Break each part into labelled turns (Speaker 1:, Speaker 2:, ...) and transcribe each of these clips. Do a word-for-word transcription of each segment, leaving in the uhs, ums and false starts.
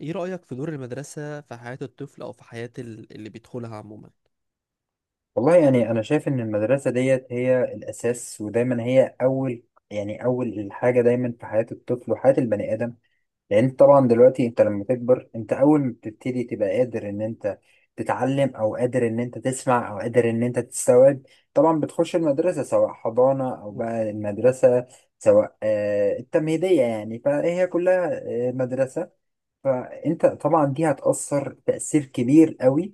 Speaker 1: ايه رأيك في دور المدرسة في حياة الطفل او في حياة ال- اللي بيدخلها عموما؟
Speaker 2: والله يعني أنا شايف إن المدرسة ديت هي الأساس ودايما هي أول، يعني أول الحاجة دايما في حياة الطفل وحياة البني آدم. لأن أنت طبعا دلوقتي أنت لما تكبر أنت أول ما بتبتدي تبقى قادر إن أنت تتعلم أو قادر إن أنت تسمع أو قادر إن أنت تستوعب. طبعا بتخش المدرسة سواء حضانة أو
Speaker 1: مم.
Speaker 2: بقى المدرسة، سواء آه، التمهيدية، يعني فهي كلها آه، مدرسة. فانت طبعا دي هتأثر تأثير كبير قوي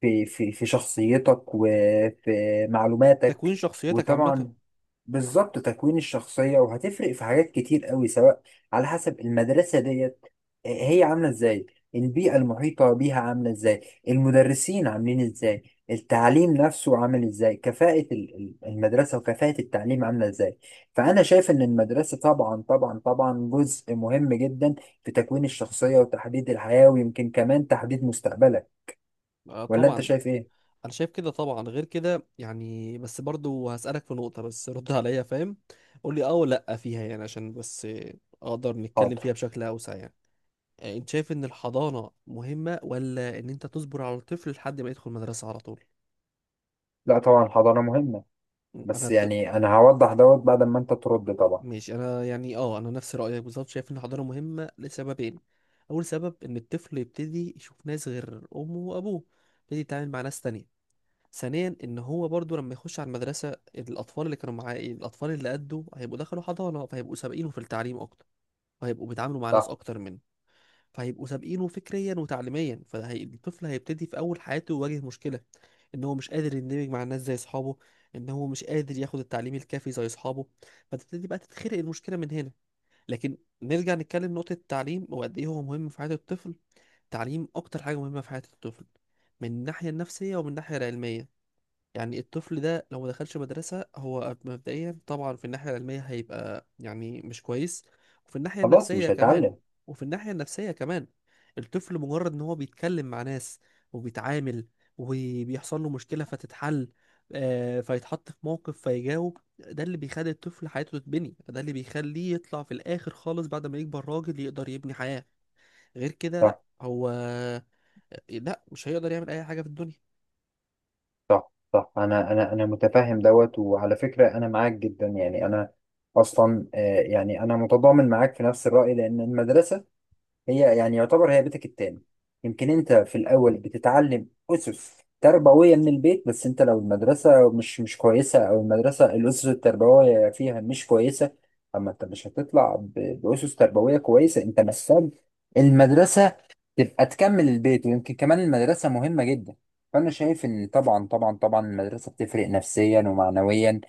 Speaker 2: في في في شخصيتك وفي معلوماتك.
Speaker 1: تكوين شخصيتك عامة.
Speaker 2: وطبعا بالظبط تكوين الشخصية، وهتفرق في حاجات كتير قوي سواء على حسب المدرسة ديت، آه، هي عاملة ازاي، البيئة المحيطة بيها عاملة ازاي، المدرسين عاملين ازاي، التعليم نفسه عامل ازاي، كفاءة ال- ال- المدرسة وكفاءة التعليم عاملة ازاي. فأنا شايف إن المدرسة طبعا طبعا طبعا جزء مهم جدا في تكوين الشخصية وتحديد الحياة، ويمكن كمان تحديد مستقبلك.
Speaker 1: آه
Speaker 2: ولا أنت
Speaker 1: طبعا ده.
Speaker 2: شايف إيه؟
Speaker 1: انا شايف كده طبعا، غير كده يعني، بس برضو هسألك في نقطة، بس رد عليا. فاهم؟ قول لي اه ولا لا فيها، يعني عشان بس آه، اقدر نتكلم
Speaker 2: حاضر.
Speaker 1: فيها بشكل اوسع يعني. آه، انت شايف ان الحضانة مهمة ولا ان انت تصبر على الطفل لحد ما يدخل مدرسة على طول؟
Speaker 2: لا طبعا الحضانة مهمة، بس
Speaker 1: انا
Speaker 2: يعني أنا هوضح دوت بعد ما أنت ترد طبعا.
Speaker 1: ماشي. انا يعني اه انا نفس رايك بالظبط، شايف ان الحضانه مهمه لسببين. اول سبب ان الطفل يبتدي يشوف ناس غير امه وابوه، يبتدي يتعامل مع ناس تانية. ثانيا، ان هو برضو لما يخش على المدرسه، الاطفال اللي كانوا معاه الاطفال اللي قده هيبقوا دخلوا حضانه، فهيبقوا سابقينه في التعليم اكتر، وهيبقوا بيتعاملوا مع ناس
Speaker 2: صح.
Speaker 1: اكتر منه. فهيبقوا سابقينه فكريا وتعليميا، فالطفل هيبتدي في اول حياته يواجه مشكله. ان هو مش قادر يندمج مع الناس زي اصحابه، ان هو مش قادر ياخد التعليم الكافي زي اصحابه. فتبتدي بقى تتخلق المشكله من هنا. لكن نرجع نتكلم نقطة التعليم وقد إيه هو مهم في حياة الطفل. التعليم أكتر حاجة مهمة في حياة الطفل، من الناحية النفسية ومن الناحية العلمية. يعني الطفل ده لو ما دخلش مدرسة، هو مبدئيا طبعا في الناحية العلمية هيبقى يعني مش كويس، وفي الناحية
Speaker 2: خلاص
Speaker 1: النفسية
Speaker 2: مش
Speaker 1: كمان.
Speaker 2: هيتعلم.
Speaker 1: وفي الناحية النفسية كمان، الطفل مجرد ان هو بيتكلم مع ناس، وبيتعامل، وبيحصل له مشكلة فتتحل. آه، فيتحط في موقف فيجاوب، ده اللي بيخلي الطفل حياته تتبني، ده اللي بيخليه يطلع في الآخر خالص بعد ما يكبر راجل يقدر يبني حياة. غير كده لا،
Speaker 2: صح،
Speaker 1: هو آه، لا، مش هيقدر يعمل أي حاجة في الدنيا.
Speaker 2: صح، صح. انا انا انا متفهم دوت، وعلى فكره انا معاك جدا. يعني انا اصلا، آه، يعني انا متضامن معاك في نفس الراي، لان المدرسه هي يعني يعتبر هي بيتك التاني. يمكن انت في الاول بتتعلم اسس
Speaker 1: م-
Speaker 2: تربويه من البيت، بس انت لو المدرسه مش مش كويسه، او المدرسه الاسس التربويه فيها مش كويسه، اما انت مش هتطلع ب- باسس تربويه كويسه. انت محتاج المدرسه تبقى تكمل البيت، ويمكن كمان المدرسه مهمه جدا. فانا شايف ان طبعا طبعا طبعا المدرسه بتفرق نفسيا ومعنويا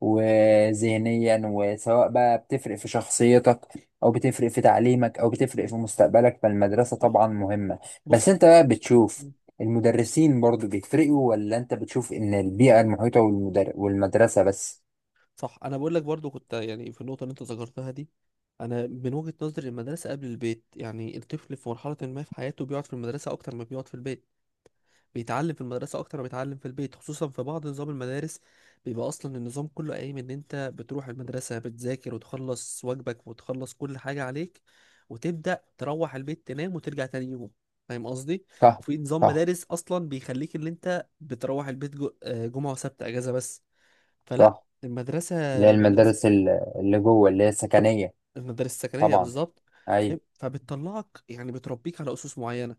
Speaker 2: وذهنيا، وسواء بقى بتفرق في شخصيتك، او بتفرق في تعليمك، او بتفرق
Speaker 1: م-
Speaker 2: في مستقبلك، فالمدرسة
Speaker 1: صح.
Speaker 2: طبعا مهمة. بس
Speaker 1: بص.
Speaker 2: انت بقى بتشوف المدرسين برضو بيفرقوا، ولا انت بتشوف ان البيئة المحيطة والمدر... والمدرسة بس؟
Speaker 1: صح، انا بقول لك برضو كنت يعني في النقطه اللي انت ذكرتها دي. انا من وجهه نظري المدرسه قبل البيت. يعني الطفل في مرحله ما في حياته بيقعد في المدرسه اكتر ما بيقعد في البيت، بيتعلم في المدرسه اكتر ما بيتعلم في البيت، خصوصا في بعض نظام المدارس. بيبقى اصلا النظام كله قايم ان انت بتروح المدرسه، بتذاكر وتخلص واجبك وتخلص كل حاجه عليك، وتبدا تروح البيت تنام وترجع تاني يوم. فاهم قصدي؟
Speaker 2: صح،
Speaker 1: وفي نظام
Speaker 2: صح،
Speaker 1: مدارس اصلا بيخليك ان انت بتروح البيت جو- آه، جمعه وسبت اجازه بس. فلا.
Speaker 2: صح.
Speaker 1: المدرسة
Speaker 2: اللي هي
Speaker 1: المدرسة
Speaker 2: المدارس ال- اللي جوه، اللي هي السكنية.
Speaker 1: المدارس السكنيه
Speaker 2: طبعا.
Speaker 1: بالظبط.
Speaker 2: اي.
Speaker 1: فاهم؟ فبتطلعك، يعني بتربيك على اسس معينه.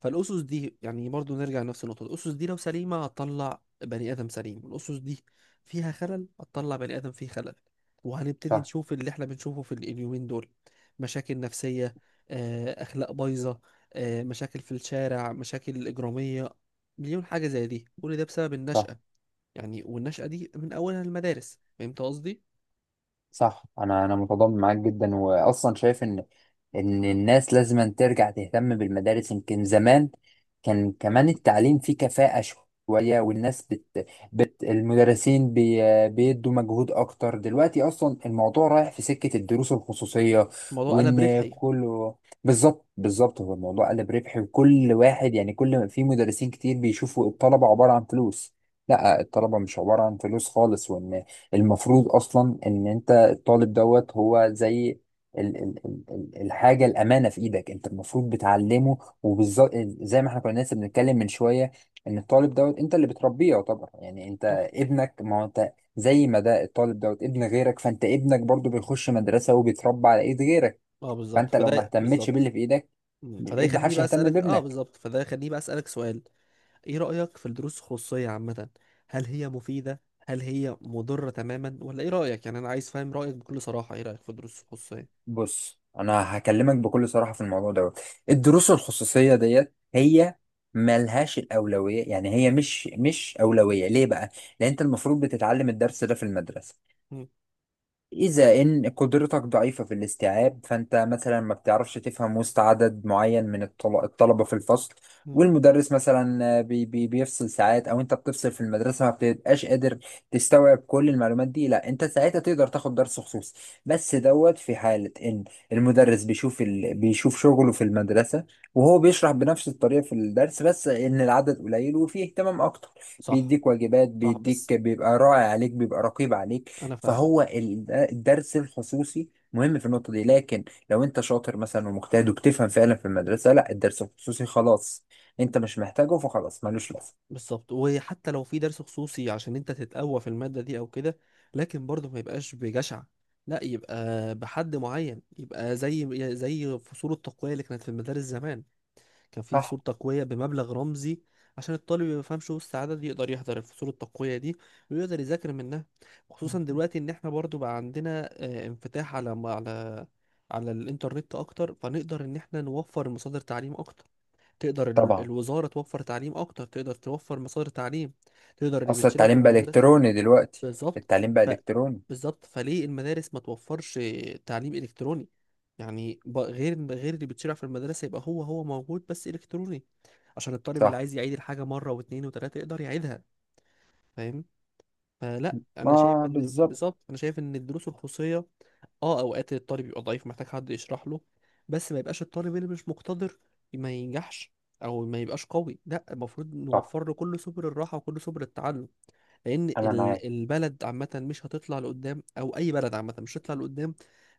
Speaker 1: فالاسس دي، يعني برضو نرجع لنفس النقطه، الاسس دي لو سليمه هتطلع بني ادم سليم، الاسس دي فيها خلل هتطلع بني ادم فيه خلل. وهنبتدي
Speaker 2: صح،
Speaker 1: نشوف اللي احنا بنشوفه في اليومين دول. مشاكل نفسيه، آه، اخلاق بايظه، آه، مشاكل في الشارع، مشاكل اجراميه. مليون حاجه زي دي، كل ده بسبب
Speaker 2: صح،
Speaker 1: النشأة. يعني والنشأة دي من اولها المدارس. فهمت قصدي؟
Speaker 2: صح. انا انا متضامن معاك جدا، واصلا شايف ان ان الناس لازم ترجع تهتم بالمدارس. يمكن زمان كان كمان التعليم فيه كفاءة شوية، والناس بت, بت المدرسين بي بيدوا مجهود اكتر. دلوقتي اصلا الموضوع رايح في سكة الدروس الخصوصية،
Speaker 1: الموضوع قلب
Speaker 2: وان
Speaker 1: ربحي.
Speaker 2: كله، بالظبط، بالظبط، هو الموضوع قلب ربحي. وكل واحد يعني كل ما في مدرسين كتير بيشوفوا الطلبة عبارة عن فلوس. لا،
Speaker 1: صح.
Speaker 2: الطلبة مش عبارة عن فلوس خالص. وان المفروض اصلا ان انت الطالب دوت هو زي ال ال ال ال- الحاجه الامانه في ايدك، انت المفروض بتعلمه. وبالظبط زي ما احنا كنا لسه بنتكلم من شويه، ان الطالب دوت انت اللي بتربيه، يعتبر يعني انت
Speaker 1: صح،
Speaker 2: ابنك. ما هو انت زي ما ده الطالب دوت ابن غيرك، فانت ابنك برضو بيخش مدرسه وبيتربى على ايد غيرك.
Speaker 1: اه بالظبط،
Speaker 2: فانت لو ما
Speaker 1: فده
Speaker 2: اهتمتش
Speaker 1: بالظبط.
Speaker 2: باللي في ايدك،
Speaker 1: مم. فده
Speaker 2: ب- ما
Speaker 1: يخليني
Speaker 2: حدش
Speaker 1: بقى
Speaker 2: هيهتم
Speaker 1: اسالك اه
Speaker 2: بابنك.
Speaker 1: بالظبط، فده يخليني بقى اسالك سؤال. ايه رايك في الدروس الخصوصيه عامه؟ هل هي مفيده؟ هل هي مضره تماما، ولا ايه رايك؟ يعني انا عايز فاهم رايك بكل صراحه. ايه رايك في الدروس الخصوصيه؟
Speaker 2: بص، انا هكلمك بكل صراحه في الموضوع دوت. الدروس الخصوصيه ديت هي ملهاش الاولويه. يعني هي مش مش اولويه. ليه بقى؟ لان انت المفروض بتتعلم الدرس ده في المدرسه.
Speaker 1: مم.
Speaker 2: إذا إن قدرتك ضعيفة في الاستيعاب، فأنت مثلا ما بتعرفش تفهم وسط عدد معين من الطل- الطلبة في الفصل،
Speaker 1: مم.
Speaker 2: والمدرس مثلا، آه، بي بي بيفصل ساعات، أو أنت بتفصل في المدرسة ما بتبقاش قادر تستوعب كل المعلومات دي، لا أنت ساعتها تقدر تاخد درس خصوصي. بس دوت في حالة إن المدرس بيشوف ال... بيشوف شغله في المدرسة، وهو بيشرح بنفس الطريقة في الدرس، بس إن العدد قليل وفيه اهتمام أكتر.
Speaker 1: صح.
Speaker 2: بيديك واجبات،
Speaker 1: صح، بس.
Speaker 2: بيديك، بيبقى راعي عليك، بيبقى رقيب عليك.
Speaker 1: انا فاهمك.
Speaker 2: فهو ال- الدرس الخصوصي مهم في النقطة دي. لكن لو انت شاطر مثلا ومجتهد وبتفهم فعلا في المدرسة، لا الدرس الخصوصي خلاص انت مش محتاجه، فخلاص ملوش لازمة.
Speaker 1: بالظبط. وحتى لو في درس خصوصي عشان انت تتقوى في الماده دي او كده، لكن برضه ما يبقاش بجشع. لا، يبقى بحد معين، يبقى زي زي فصول التقويه اللي كانت في المدارس زمان. كان في
Speaker 2: صح.
Speaker 1: فصول تقوية بمبلغ رمزي عشان الطالب اللي ما يفهمش وسط عدد يقدر يحضر الفصول التقوية دي ويقدر يذاكر منها. خصوصا دلوقتي ان احنا برضو بقى عندنا آه، انفتاح على على على الانترنت اكتر، فنقدر ان احنا نوفر مصادر تعليم اكتر. تقدر ال-
Speaker 2: طبعا
Speaker 1: الوزارة توفر تعليم اكتر، تقدر توفر مصادر تعليم، تقدر اللي
Speaker 2: اصل
Speaker 1: بيتشرع في
Speaker 2: التعليم بقى
Speaker 1: المدارس.
Speaker 2: الكتروني دلوقتي.
Speaker 1: بالظبط.
Speaker 2: التعليم بقى
Speaker 1: ف
Speaker 2: الكتروني.
Speaker 1: بالظبط، فليه المدارس ما توفرش تعليم الكتروني؟ يعني ب- غير غير اللي بتشرع في المدرسه يبقى هو هو موجود بس الكتروني، عشان الطالب اللي
Speaker 2: صح.
Speaker 1: عايز يعيد الحاجه مره واثنين وثلاثه يقدر يعيدها. فاهم؟ فلا، انا شايف
Speaker 2: ما
Speaker 1: ان
Speaker 2: بالظبط.
Speaker 1: بالظبط. انا شايف ان الدروس الخصوصيه اه اوقات الطالب يبقى ضعيف محتاج حد يشرح له، بس ما يبقاش الطالب اللي مش مقتدر ما ينجحش، او ما يبقاش قوي. لا، المفروض
Speaker 2: صح
Speaker 1: نوفر له كل سبل الراحه وكل سبل التعلم. لان
Speaker 2: انا معاك.
Speaker 1: ال- البلد عامه مش هتطلع لقدام، او اي بلد عامه مش هتطلع لقدام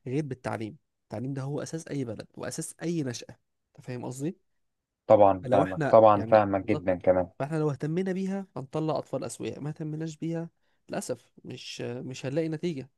Speaker 1: غير بالتعليم. التعليم ده هو اساس اي بلد واساس اي نشأة. انت فاهم قصدي؟
Speaker 2: طبعا
Speaker 1: فلو
Speaker 2: فاهمك،
Speaker 1: احنا
Speaker 2: طبعا
Speaker 1: يعني
Speaker 2: فاهمك
Speaker 1: بالظبط،
Speaker 2: جدا كمان.
Speaker 1: فاحنا لو اهتمينا بيها هنطلع اطفال اسوياء، ما اهتمناش بيها للاسف مش مش هنلاقي نتيجة.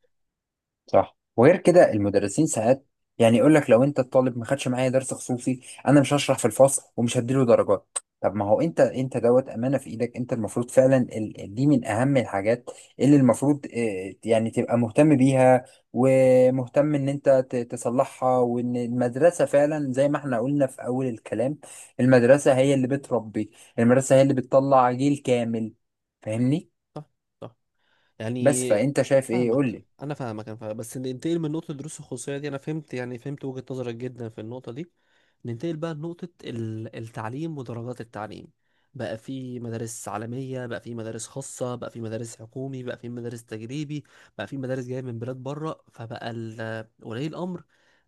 Speaker 2: صح. وغير كده المدرسين ساعات يعني يقول لك لو انت الطالب ما خدش معايا درس خصوصي، انا مش هشرح في الفصل ومش هديله درجات. طب ما هو انت، انت دوت امانه في ايدك، انت المفروض فعلا ال- دي من اهم الحاجات اللي المفروض اه، يعني تبقى مهتم بيها، ومهتم ان انت ت- تصلحها. وان المدرسه فعلا زي ما احنا قلنا في اول الكلام، المدرسه هي اللي بتربي، المدرسه هي اللي بتطلع جيل كامل. فاهمني؟
Speaker 1: صح. صح.
Speaker 2: بس
Speaker 1: يعني،
Speaker 2: فانت شايف ايه؟ قول
Speaker 1: فاهمك.
Speaker 2: لي.
Speaker 1: انا فاهمك، انا فاهمك. بس ننتقل من نقطه دروس الخصوصيه دي، انا فهمت يعني فهمت وجهه نظرك جدا في النقطه دي. ننتقل بقى لنقطه ال- التعليم ودرجات التعليم. بقى في مدارس عالميه، بقى في مدارس خاصه، بقى في مدارس حكومي، بقى في مدارس تجريبي، بقى في مدارس جايه من بلاد بره. فبقى ال- ولي الامر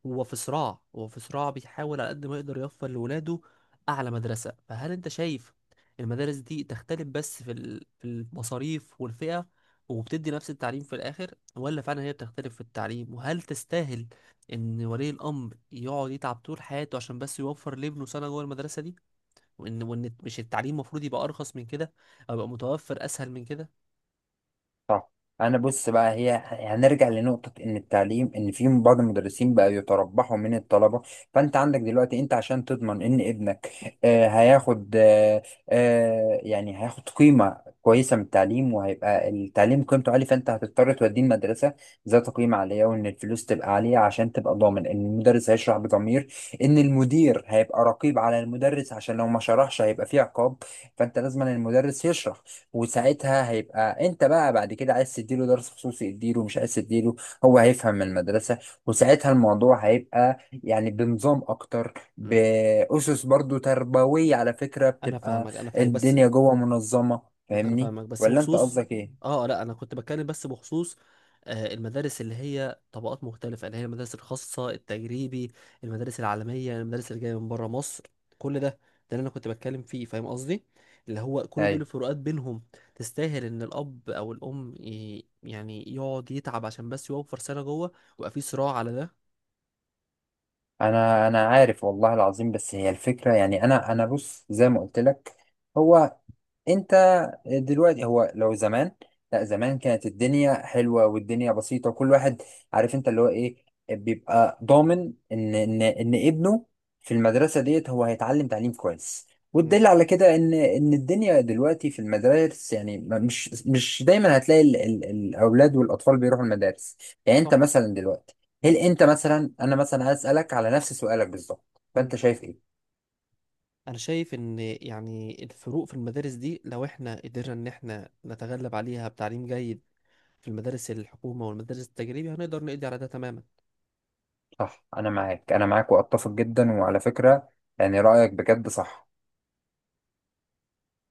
Speaker 1: هو في صراع، هو في صراع بيحاول على قد ما يقدر يوفر لولاده اعلى مدرسه. فهل انت شايف المدارس دي تختلف بس في ال- في المصاريف والفئه، وبتدي نفس التعليم في الآخر، ولا فعلا هي بتختلف في التعليم؟ وهل تستاهل إن ولي الأمر يقعد يتعب طول حياته عشان بس يوفر لابنه سنة جوه المدرسة دي، وإن وإن مش التعليم المفروض يبقى أرخص من كده، أو يبقى متوفر أسهل من كده؟
Speaker 2: صح. انا بص بقى، هي هنرجع لنقطة ان التعليم، ان في بعض المدرسين بقى يتربحوا من الطلبة. فانت عندك دلوقتي انت عشان تضمن ان ابنك، آه هياخد، آه آه، يعني هياخد قيمة كويسة من التعليم، وهيبقى التعليم قيمته عالية، فانت هتضطر توديه المدرسة ذات قيمة عالية، وان الفلوس تبقى عالية عشان تبقى ضامن ان المدرس هيشرح بضمير، ان المدير هيبقى رقيب على المدرس عشان لو ما شرحش هيبقى فيه عقاب. فانت لازم المدرس يشرح.
Speaker 1: صح.
Speaker 2: وساعتها هيبقى انت بقى بعد كده عايز تديله درس خصوصي اديله، مش عايز تديله هو هيفهم من المدرسة. وساعتها الموضوع هيبقى يعني بنظام اكتر،
Speaker 1: مم.
Speaker 2: بأسس برضو تربوية على فكرة،
Speaker 1: أنا
Speaker 2: بتبقى
Speaker 1: فاهمك، أنا فاهمك، بس.
Speaker 2: الدنيا جوه منظمة.
Speaker 1: م، انا
Speaker 2: فاهمني
Speaker 1: فاهمك بس
Speaker 2: ولا انت
Speaker 1: بخصوص،
Speaker 2: قصدك ايه؟
Speaker 1: اه لا، انا كنت بتكلم بس بخصوص آه، المدارس اللي هي طبقات مختلفة، اللي هي المدارس الخاصة التجريبي، المدارس العالمية، المدارس اللي جاية من بره مصر. كل ده ده اللي انا كنت بتكلم فيه. فاهم قصدي؟ اللي هو كل دول
Speaker 2: ايوه.
Speaker 1: الفروقات بينهم، تستاهل ان الاب او الام ي- يعني يقعد يتعب عشان بس يوفر سنة جوه ويبقى في صراع على ده؟
Speaker 2: انا انا عارف والله العظيم. بس هي الفكرة، يعني انا انا بص زي ما قلت لك، هو انت دلوقتي، هو لو زمان، لا زمان كانت الدنيا حلوه والدنيا بسيطه، وكل واحد عارف انت اللي هو ايه، بيبقى ضامن ان ان ان ابنه في المدرسه ديت هو هيتعلم تعليم كويس.
Speaker 1: مم.
Speaker 2: والدليل على كده ان ان الدنيا دلوقتي في المدارس، يعني ما- مش مش دايما هتلاقي ال ال الاولاد والاطفال بيروحوا المدارس. يعني
Speaker 1: صح.
Speaker 2: انت مثلا دلوقتي، هل انت مثلا، انا مثلا هسالك على نفس سؤالك بالظبط،
Speaker 1: مم.
Speaker 2: فانت شايف ايه؟
Speaker 1: انا شايف ان يعني الفروق في المدارس دي لو احنا قدرنا ان احنا نتغلب عليها بتعليم جيد في المدارس الحكومة والمدارس التجريبي، هنقدر نقضي على ده تماما.
Speaker 2: صح. انا معاك، انا معاك، واتفق جدا. وعلى فكرة يعني رأيك بجد صح.